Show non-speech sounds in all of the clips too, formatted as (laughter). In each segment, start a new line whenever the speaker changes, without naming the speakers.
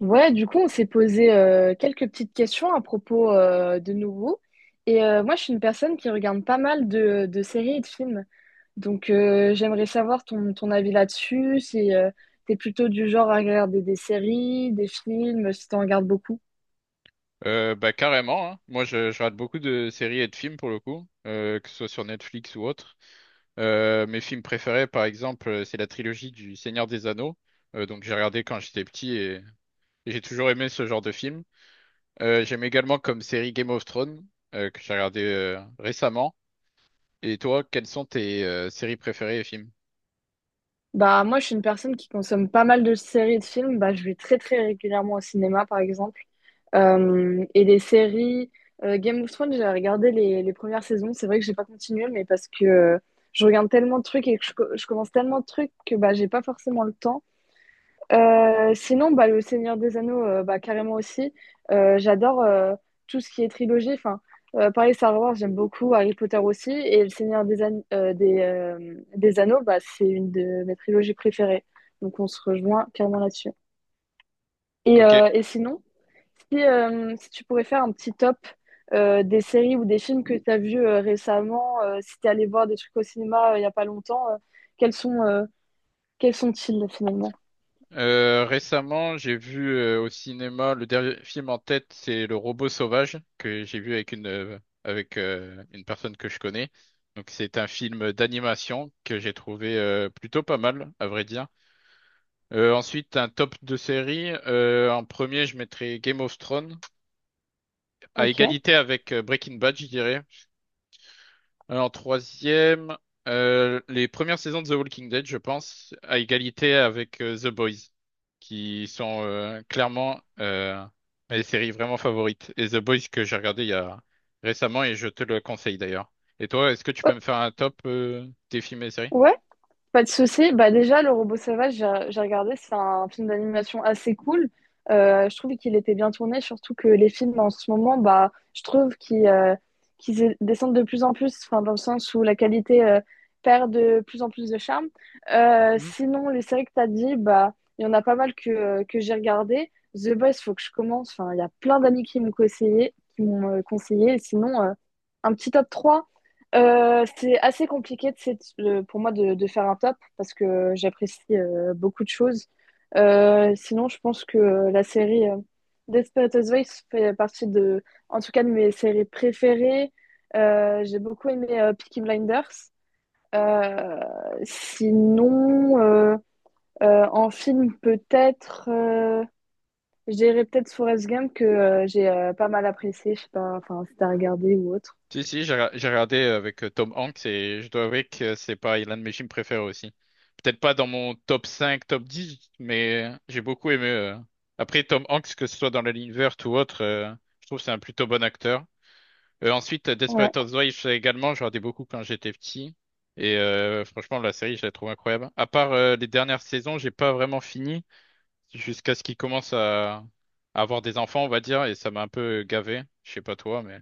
Ouais, du coup, on s'est posé quelques petites questions à propos de nouveau. Et moi, je suis une personne qui regarde pas mal de séries et de films. Donc, j'aimerais savoir ton avis là-dessus, si t'es plutôt du genre à regarder des séries, des films, si t'en regardes beaucoup.
Bah carrément, hein. Moi, je rate beaucoup de séries et de films pour le coup, que ce soit sur Netflix ou autre. Mes films préférés par exemple, c'est la trilogie du Seigneur des Anneaux. Donc j'ai regardé quand j'étais petit et j'ai toujours aimé ce genre de film. J'aime également comme série Game of Thrones, que j'ai regardé récemment. Et toi, quelles sont tes séries préférées et films?
Bah, moi, je suis une personne qui consomme pas mal de séries et de films. Bah, je vais très, très régulièrement au cinéma, par exemple. Et les séries, Game of Thrones, j'ai regardé les premières saisons. C'est vrai que j'ai pas continué, mais parce que je regarde tellement de trucs et que je commence tellement de trucs que bah, j'ai pas forcément le temps. Sinon, le Seigneur des Anneaux, bah, carrément aussi. J'adore tout ce qui est trilogie. Enfin, pareil, Star Wars, j'aime beaucoup, Harry Potter aussi. Et le Seigneur des Anneaux, bah, c'est une de mes trilogies préférées. Donc, on se rejoint carrément là-dessus. Et,
Ok.
euh, et sinon, si, si tu pourrais faire un petit top des séries ou des films que tu as vus récemment, si tu es allé voir des trucs au cinéma il y a pas longtemps, quels sont, euh, quels sont-ils finalement?
Récemment, j'ai vu au cinéma le dernier film en tête, c'est Le Robot Sauvage que j'ai vu avec une personne que je connais. Donc c'est un film d'animation que j'ai trouvé plutôt pas mal, à vrai dire. Ensuite, un top de série. En premier, je mettrais Game of Thrones à
Ok.
égalité avec Breaking Bad, je dirais. Alors, troisième, les premières saisons de The Walking Dead, je pense, à égalité avec The Boys, qui sont clairement mes séries vraiment favorites. Et The Boys que j'ai regardé il y a récemment et je te le conseille d'ailleurs. Et toi, est-ce que tu
Oh,
peux me faire un top des films et séries?
ouais? Pas de souci. Bah déjà, Le Robot Sauvage, j'ai regardé, c'est un film d'animation assez cool. Je trouve qu'il était bien tourné, surtout que les films en ce moment, bah, je trouve qu'ils descendent de plus en plus, enfin, dans le sens où la qualité perd de plus en plus de charme. Sinon, les séries que tu as dit, bah, il y en a pas mal que j'ai regardé. The Boys, faut que je commence. Enfin, il y a plein d'amis qui m'ont conseillé, qui m'ont conseillé. Sinon, un petit top 3. C'est assez compliqué de pour moi de faire un top parce que j'apprécie beaucoup de choses. Sinon, je pense que la série Desperate Housewives fait partie de, en tout cas, de mes séries préférées. J'ai beaucoup aimé Peaky Blinders. Euh, sinon, euh, en film, peut-être, je dirais peut-être Forrest Gump que j'ai pas mal apprécié. Je sais pas, enfin, si t'as regardé ou autre.
Si, si, j'ai regardé avec Tom Hanks et je dois avouer que c'est pas l'un de mes films préférés aussi. Peut-être pas dans mon top 5 top 10 mais j'ai beaucoup aimé. Après, Tom Hanks, que ce soit dans La Ligne verte ou autre, je trouve que c'est un plutôt bon acteur. Ensuite,
Ouais.
Desperate Housewives également, je regardais beaucoup quand j'étais petit. Et franchement, la série, je la trouve incroyable. À part les dernières saisons, j'ai pas vraiment fini jusqu'à ce qu'il commence à avoir des enfants, on va dire, et ça m'a un peu gavé. Je sais pas toi, mais...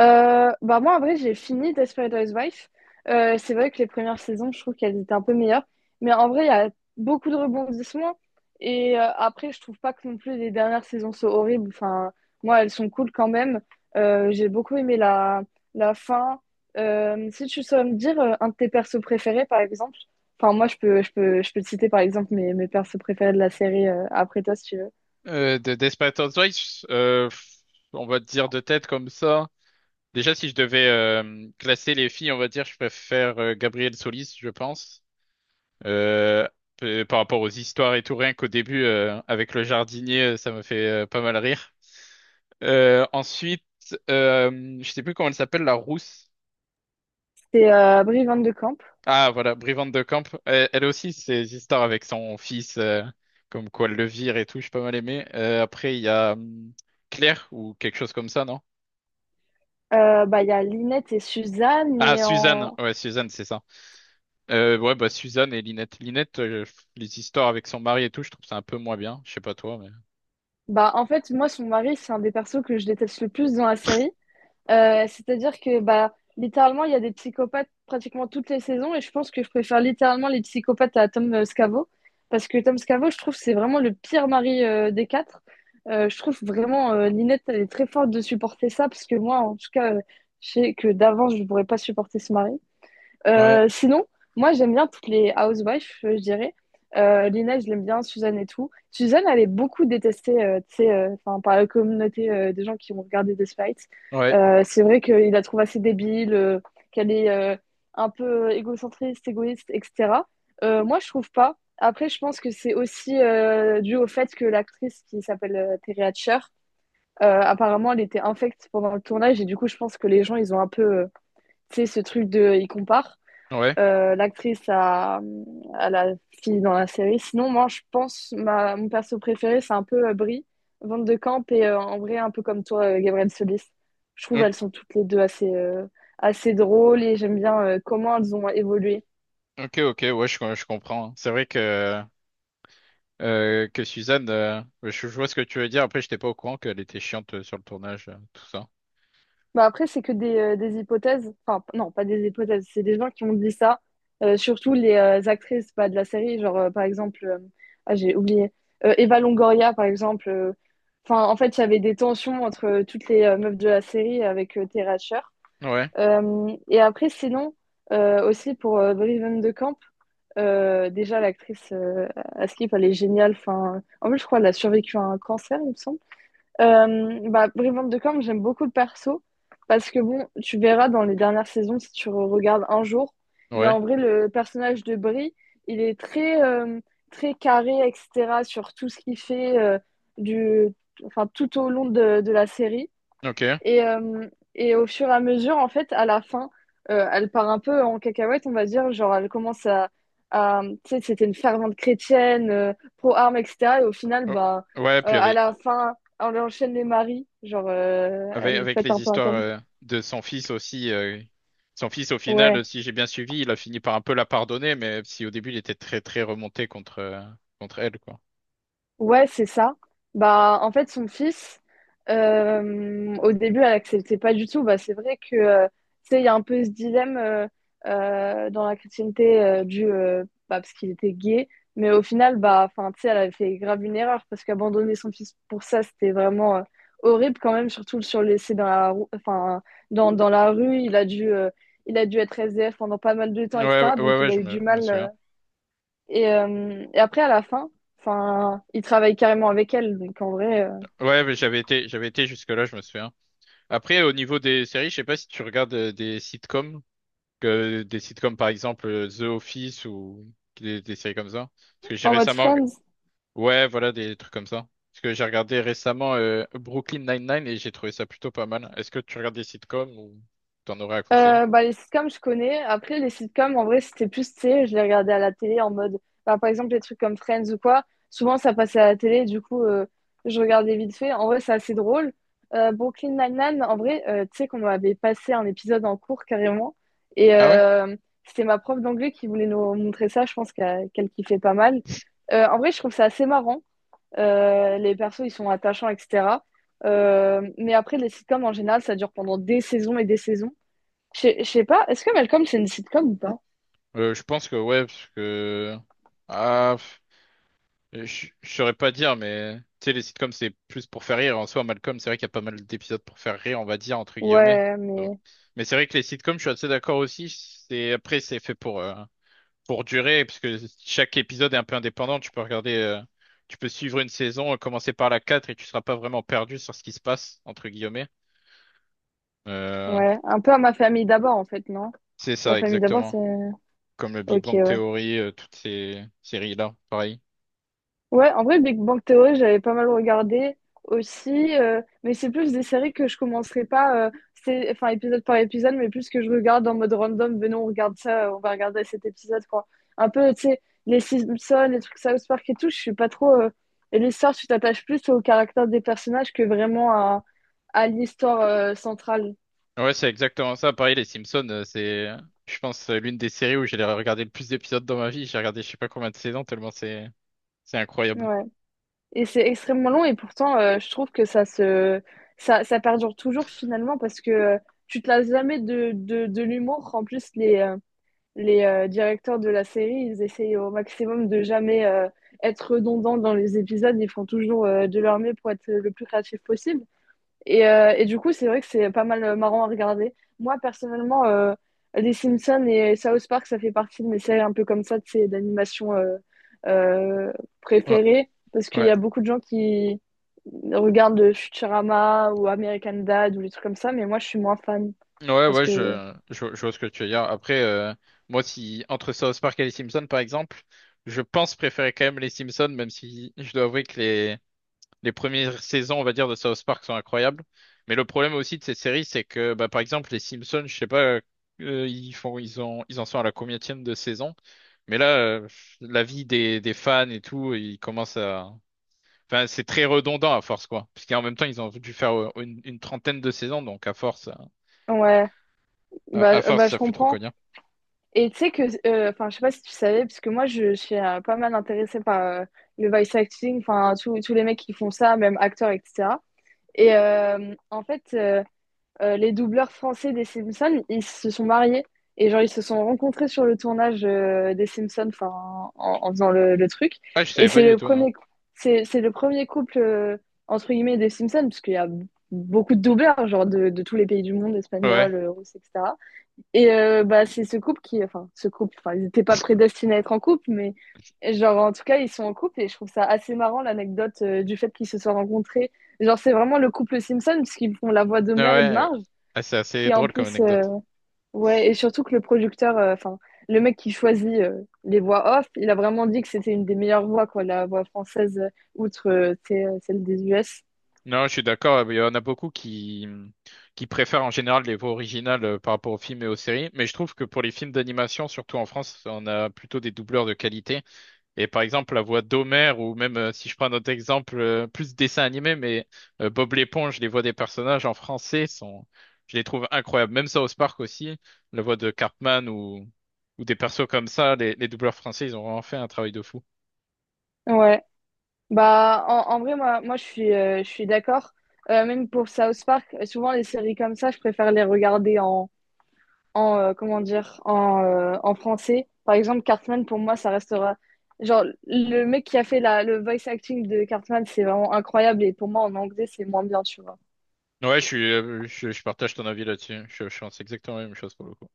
Bah, moi, en vrai, j'ai fini Desperate Housewives. C'est vrai que les premières saisons, je trouve qu'elles étaient un peu meilleures. Mais en vrai, il y a beaucoup de rebondissements et après, je trouve pas que non plus les dernières saisons soient horribles. Enfin, moi, elles sont cool quand même. J'ai beaucoup aimé la fin. Si tu saurais me dire, un de tes persos préférés, par exemple? Enfin, moi, je peux te citer, par exemple, mes persos préférés de la série, après toi, si tu veux.
De Desperate Housewives, on va dire de tête comme ça. Déjà, si je devais classer les filles, on va dire, je préfère Gabrielle Solis, je pense. Euh, par rapport aux histoires et tout, rien qu'au début, avec le jardinier, ça me fait pas mal rire. Ensuite, je sais plus comment elle s'appelle, la rousse.
C'est, Brie Van de Camp.
Ah, voilà, Brivante de Camp. Elle, elle aussi, ses histoires avec son fils, comme quoi elle le vire et tout, j'ai pas mal aimé. Après, il y a Claire ou quelque chose comme ça, non?
Bah, il y a Lynette et Suzanne
Ah,
et
Suzanne,
en
ouais, Suzanne, c'est ça. Ouais, bah Suzanne et Linette. Linette, les histoires avec son mari et tout, je trouve ça un peu moins bien. Je sais pas toi, mais.
Bah, en fait, moi, son mari, c'est un des persos que je déteste le plus dans la série.
(laughs)
C'est-à-dire que, bah, littéralement, il y a des psychopathes pratiquement toutes les saisons et je pense que je préfère littéralement les psychopathes à Tom Scavo. Parce que Tom Scavo, je trouve, c'est vraiment le pire mari des quatre. Je trouve vraiment, Ninette, elle est très forte de supporter ça parce que moi, en tout cas, je sais que d'avance, je ne pourrais pas supporter ce mari.
Ouais,
Sinon, moi, j'aime bien toutes les housewives, je dirais. Lina, je l'aime bien, Suzanne et tout. Suzanne, elle est beaucoup détestée, tu sais, enfin, par la communauté des gens qui ont regardé The fight.
ouais,
C'est vrai qu'il la trouve assez débile, qu'elle est un peu égocentriste, égoïste, etc. Moi, je trouve pas. Après, je pense que c'est aussi dû au fait que l'actrice qui s'appelle Terry Hatcher, apparemment, elle était infecte pendant le tournage et du coup, je pense que les gens, ils ont un peu, tu sais, ce truc de, ils comparent
ouais.
l'actrice à la fille dans la série. Sinon, moi, je pense mon perso préféré, c'est un peu Brie, Van de Camp, et en vrai, un peu comme toi, Gabrielle Solis. Je trouve
Ok,
elles sont toutes les deux assez, assez drôles et j'aime bien comment elles ont évolué.
ok, ouais, je comprends. Hein. C'est vrai que que Suzanne, ouais, je vois ce que tu veux dire. Après, j'étais pas au courant qu'elle était chiante sur le tournage, tout ça.
Bah après, c'est que des hypothèses. Enfin, non, pas des hypothèses. C'est des gens qui ont dit ça. Surtout les actrices pas de la série. Genre, par exemple, ah, j'ai oublié. Eva Longoria, par exemple. Euh, enfin, en fait, il y avait des tensions entre toutes les meufs de la série avec Tara Sher.
Ouais,
Et après, sinon, aussi pour Breven de Camp, déjà, l'actrice Askip, elle est géniale. Enfin, en plus, je crois qu'elle a survécu à un cancer, il me semble. Bah, Brivante de Corne, j'aime beaucoup le perso parce que bon, tu verras dans les dernières saisons si regardes un jour, mais
ouais,
en vrai, le personnage de Bri, il est très, très carré, etc., sur tout ce qu'il fait du, enfin, tout au long de la série.
ok.
Et, euh, et au fur et à mesure, en fait, à la fin, elle part un peu en cacahuète, on va dire. Genre, elle commence à. À- tu sais, c'était une fervente chrétienne, pro-armes, etc. Et au final,
Oh,
bah,
ouais, puis il y
à
avait.
la fin, elle enchaîne les maris. Genre,
Avec,
elle
avec
pète
les
un peu un
histoires
câble.
de son fils aussi, son fils au
Ouais.
final, si j'ai bien suivi, il a fini par un peu la pardonner, mais si au début il était très très remonté contre contre elle, quoi.
Ouais, c'est ça. Bah, en fait, son fils, au début, elle acceptait pas du tout. Bah, c'est vrai que, tu sais, il y a un peu ce dilemme dans la chrétienté bah, parce qu'il était gay. Mais au final, bah, enfin, tu sais, elle avait fait grave une erreur parce qu'abandonner son fils pour ça, c'était vraiment horrible quand même, surtout sur le laisser dans la enfin, dans la rue. Il a dû être SDF pendant pas mal de temps, etc. Donc,
Ouais,
il a eu du
je me
mal. euh,
souviens.
et, euh, et après, à la fin, enfin, il travaille carrément avec elle. Donc, en vrai,
Ouais, mais j'avais été jusque-là, je me souviens. Après, au niveau des séries, je sais pas si tu regardes des sitcoms, que des sitcoms par exemple The Office ou des séries comme ça. Parce que j'ai
en mode
récemment.
Friends.
Ouais, voilà, des trucs comme ça. Parce que j'ai regardé récemment Brooklyn Nine-Nine et j'ai trouvé ça plutôt pas mal. Est-ce que tu regardes des sitcoms ou t'en aurais à conseiller?
Bah, les sitcoms, je connais. Après, les sitcoms, en vrai, c'était plus, tu sais, je les regardais à la télé en mode, bah, par exemple, les trucs comme Friends ou quoi. Souvent, ça passait à la télé. Du coup, je regardais vite fait. En vrai, c'est assez drôle. Brooklyn Nine-Nine, en vrai, tu sais qu'on avait passé un épisode en cours carrément. Et
Ah ouais?
c'était ma prof d'anglais qui voulait nous montrer ça. Je pense qu'elle kiffait pas mal. En vrai, je trouve ça assez marrant. Les persos, ils sont attachants, etc. Mais après, les sitcoms, en général, ça dure pendant des saisons et des saisons. Je sais pas, est-ce que Malcolm, c'est une sitcom ou pas?
Je pense que ouais, parce que... Ah, pff, je saurais pas dire, mais... Tu sais, les sitcoms, c'est plus pour faire rire. En soi, Malcolm, c'est vrai qu'il y a pas mal d'épisodes pour faire rire, on va dire, entre guillemets.
Ouais,
Donc...
mais
Mais c'est vrai que les sitcoms, je suis assez d'accord aussi. C'est... Après, c'est fait pour durer, parce que chaque épisode est un peu indépendant, tu peux regarder, tu peux suivre une saison, commencer par la 4 et tu seras pas vraiment perdu sur ce qui se passe, entre guillemets. Euh,
ouais, un peu à ma famille d'abord, en fait, non?
c'est
Ma
ça,
famille d'abord,
exactement.
c'est...
Comme le Big
Ok,
Bang
ouais.
Theory, toutes ces séries-là, pareil.
Ouais, en vrai, Big Bang Theory, j'avais pas mal regardé aussi, mais c'est plus des séries que je commencerai pas, c'est, enfin, épisode par épisode, mais plus que je regarde en mode random, venons, on regarde ça, on va regarder cet épisode, quoi. Un peu, tu sais, les Simpsons, les trucs South Park et tout, je suis pas trop... Et l'histoire, tu t'attaches plus au caractère des personnages que vraiment à l'histoire, centrale.
Ouais, c'est exactement ça. Pareil, les Simpsons, je pense, l'une des séries où j'ai regardé le plus d'épisodes dans ma vie. J'ai regardé je sais pas combien de saisons, c'est incroyable.
Ouais. Et c'est extrêmement long et pourtant je trouve que ça, ça perdure toujours finalement parce que tu te lasses jamais de l'humour. En plus les directeurs de la série, ils essayent au maximum de jamais être redondants dans les épisodes, ils font toujours de leur mieux pour être le plus créatif possible. Et du coup, c'est vrai que c'est pas mal marrant à regarder. Moi, personnellement, les Simpsons et South Park, ça fait partie de mes séries un peu comme ça, de ces d'animation euh,
Ouais,
préférées. Parce qu'il
ouais.
y a beaucoup de gens qui regardent Futurama ou American Dad ou les trucs comme ça, mais moi, je suis moins fan. Je
Ouais,
pense
ouais,
que...
je vois ce que tu veux dire. Après, moi, si entre South Park et les Simpsons, par exemple, je pense préférer quand même les Simpsons, même si je dois avouer que les premières saisons, on va dire, de South Park sont incroyables. Mais le problème aussi de ces séries, c'est que, bah, par exemple, les Simpsons, je sais pas, ils font, ils en sont à la combienième de saison. Mais là, la vie des fans et tout, ils commencent à, enfin, c'est très redondant à force, quoi. Parce qu'en même temps, ils ont dû faire une trentaine de saisons, donc à force.
Ouais,
À
bah,
force,
bah je
ça fait trop
comprends.
cognard.
Et tu sais que... Enfin, je sais pas si tu savais, parce que moi, je suis pas mal intéressée par le voice acting, enfin, tous les mecs qui font ça, même acteurs, etc. En fait, les doubleurs français des Simpsons, ils se sont mariés. Et genre, ils se sont rencontrés sur le tournage des Simpsons, enfin, en faisant le truc.
Ah, je
Et
savais pas
c'est
du
le
tout, non.
premier, cou- c'est le premier couple, entre guillemets, des Simpsons, parce qu'il y a beaucoup de doubleurs, genre de tous les pays du monde,
Ouais.
espagnols, russes, etc. Bah, c'est ce couple qui, enfin, ce couple, enfin, ils n'étaient pas prédestinés à être en couple, mais genre, en tout cas, ils sont en couple et je trouve ça assez marrant l'anecdote du fait qu'ils se soient rencontrés. Genre, c'est vraiment le couple Simpson, puisqu'ils font la voix de
Ouais,
mère et de
ouais.
Marge,
Ah, c'est assez
qui en
drôle comme
plus,
anecdote.
ouais, et surtout que le producteur, enfin, le mec qui choisit les voix off, il a vraiment dit que c'était une des meilleures voix, quoi, la voix française, outre tu sais, celle des US.
Non, je suis d'accord. Il y en a beaucoup qui préfèrent en général les voix originales par rapport aux films et aux séries. Mais je trouve que pour les films d'animation, surtout en France, on a plutôt des doubleurs de qualité. Et par exemple, la voix d'Homer, ou même si je prends un autre exemple, plus dessin animé, mais Bob l'éponge, les voix des personnages en français sont, je les trouve incroyables. Même South Park aussi, la voix de Cartman ou des persos comme ça, les doubleurs français, ils ont vraiment fait un travail de fou.
Ouais. Bah, en vrai, moi je suis d'accord. Même pour South Park, souvent les séries comme ça, je préfère les regarder en en français. Par exemple, Cartman, pour moi, ça restera. Genre, le mec qui a fait le voice acting de Cartman, c'est vraiment incroyable. Et pour moi, en anglais, c'est moins bien, tu vois.
Ouais, je suis, je partage ton avis là-dessus. Je pense exactement la même chose pour le coup.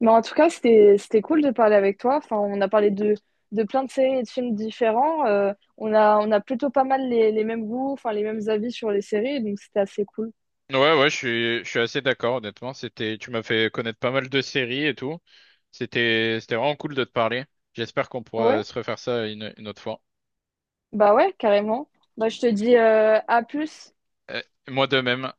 Mais en tout cas, c'était cool de parler avec toi. Enfin, on a parlé de plein de séries et de films différents. On a plutôt pas mal les mêmes goûts, enfin, les mêmes avis sur les séries. Donc, c'était assez cool.
Ouais, ouais, je suis assez d'accord, honnêtement. C'était, tu m'as fait connaître pas mal de séries et tout. C'était vraiment cool de te parler. J'espère qu'on pourra
Ouais.
se refaire ça une autre fois.
Bah ouais, carrément. Bah, je te dis à plus.
Euh, moi de même.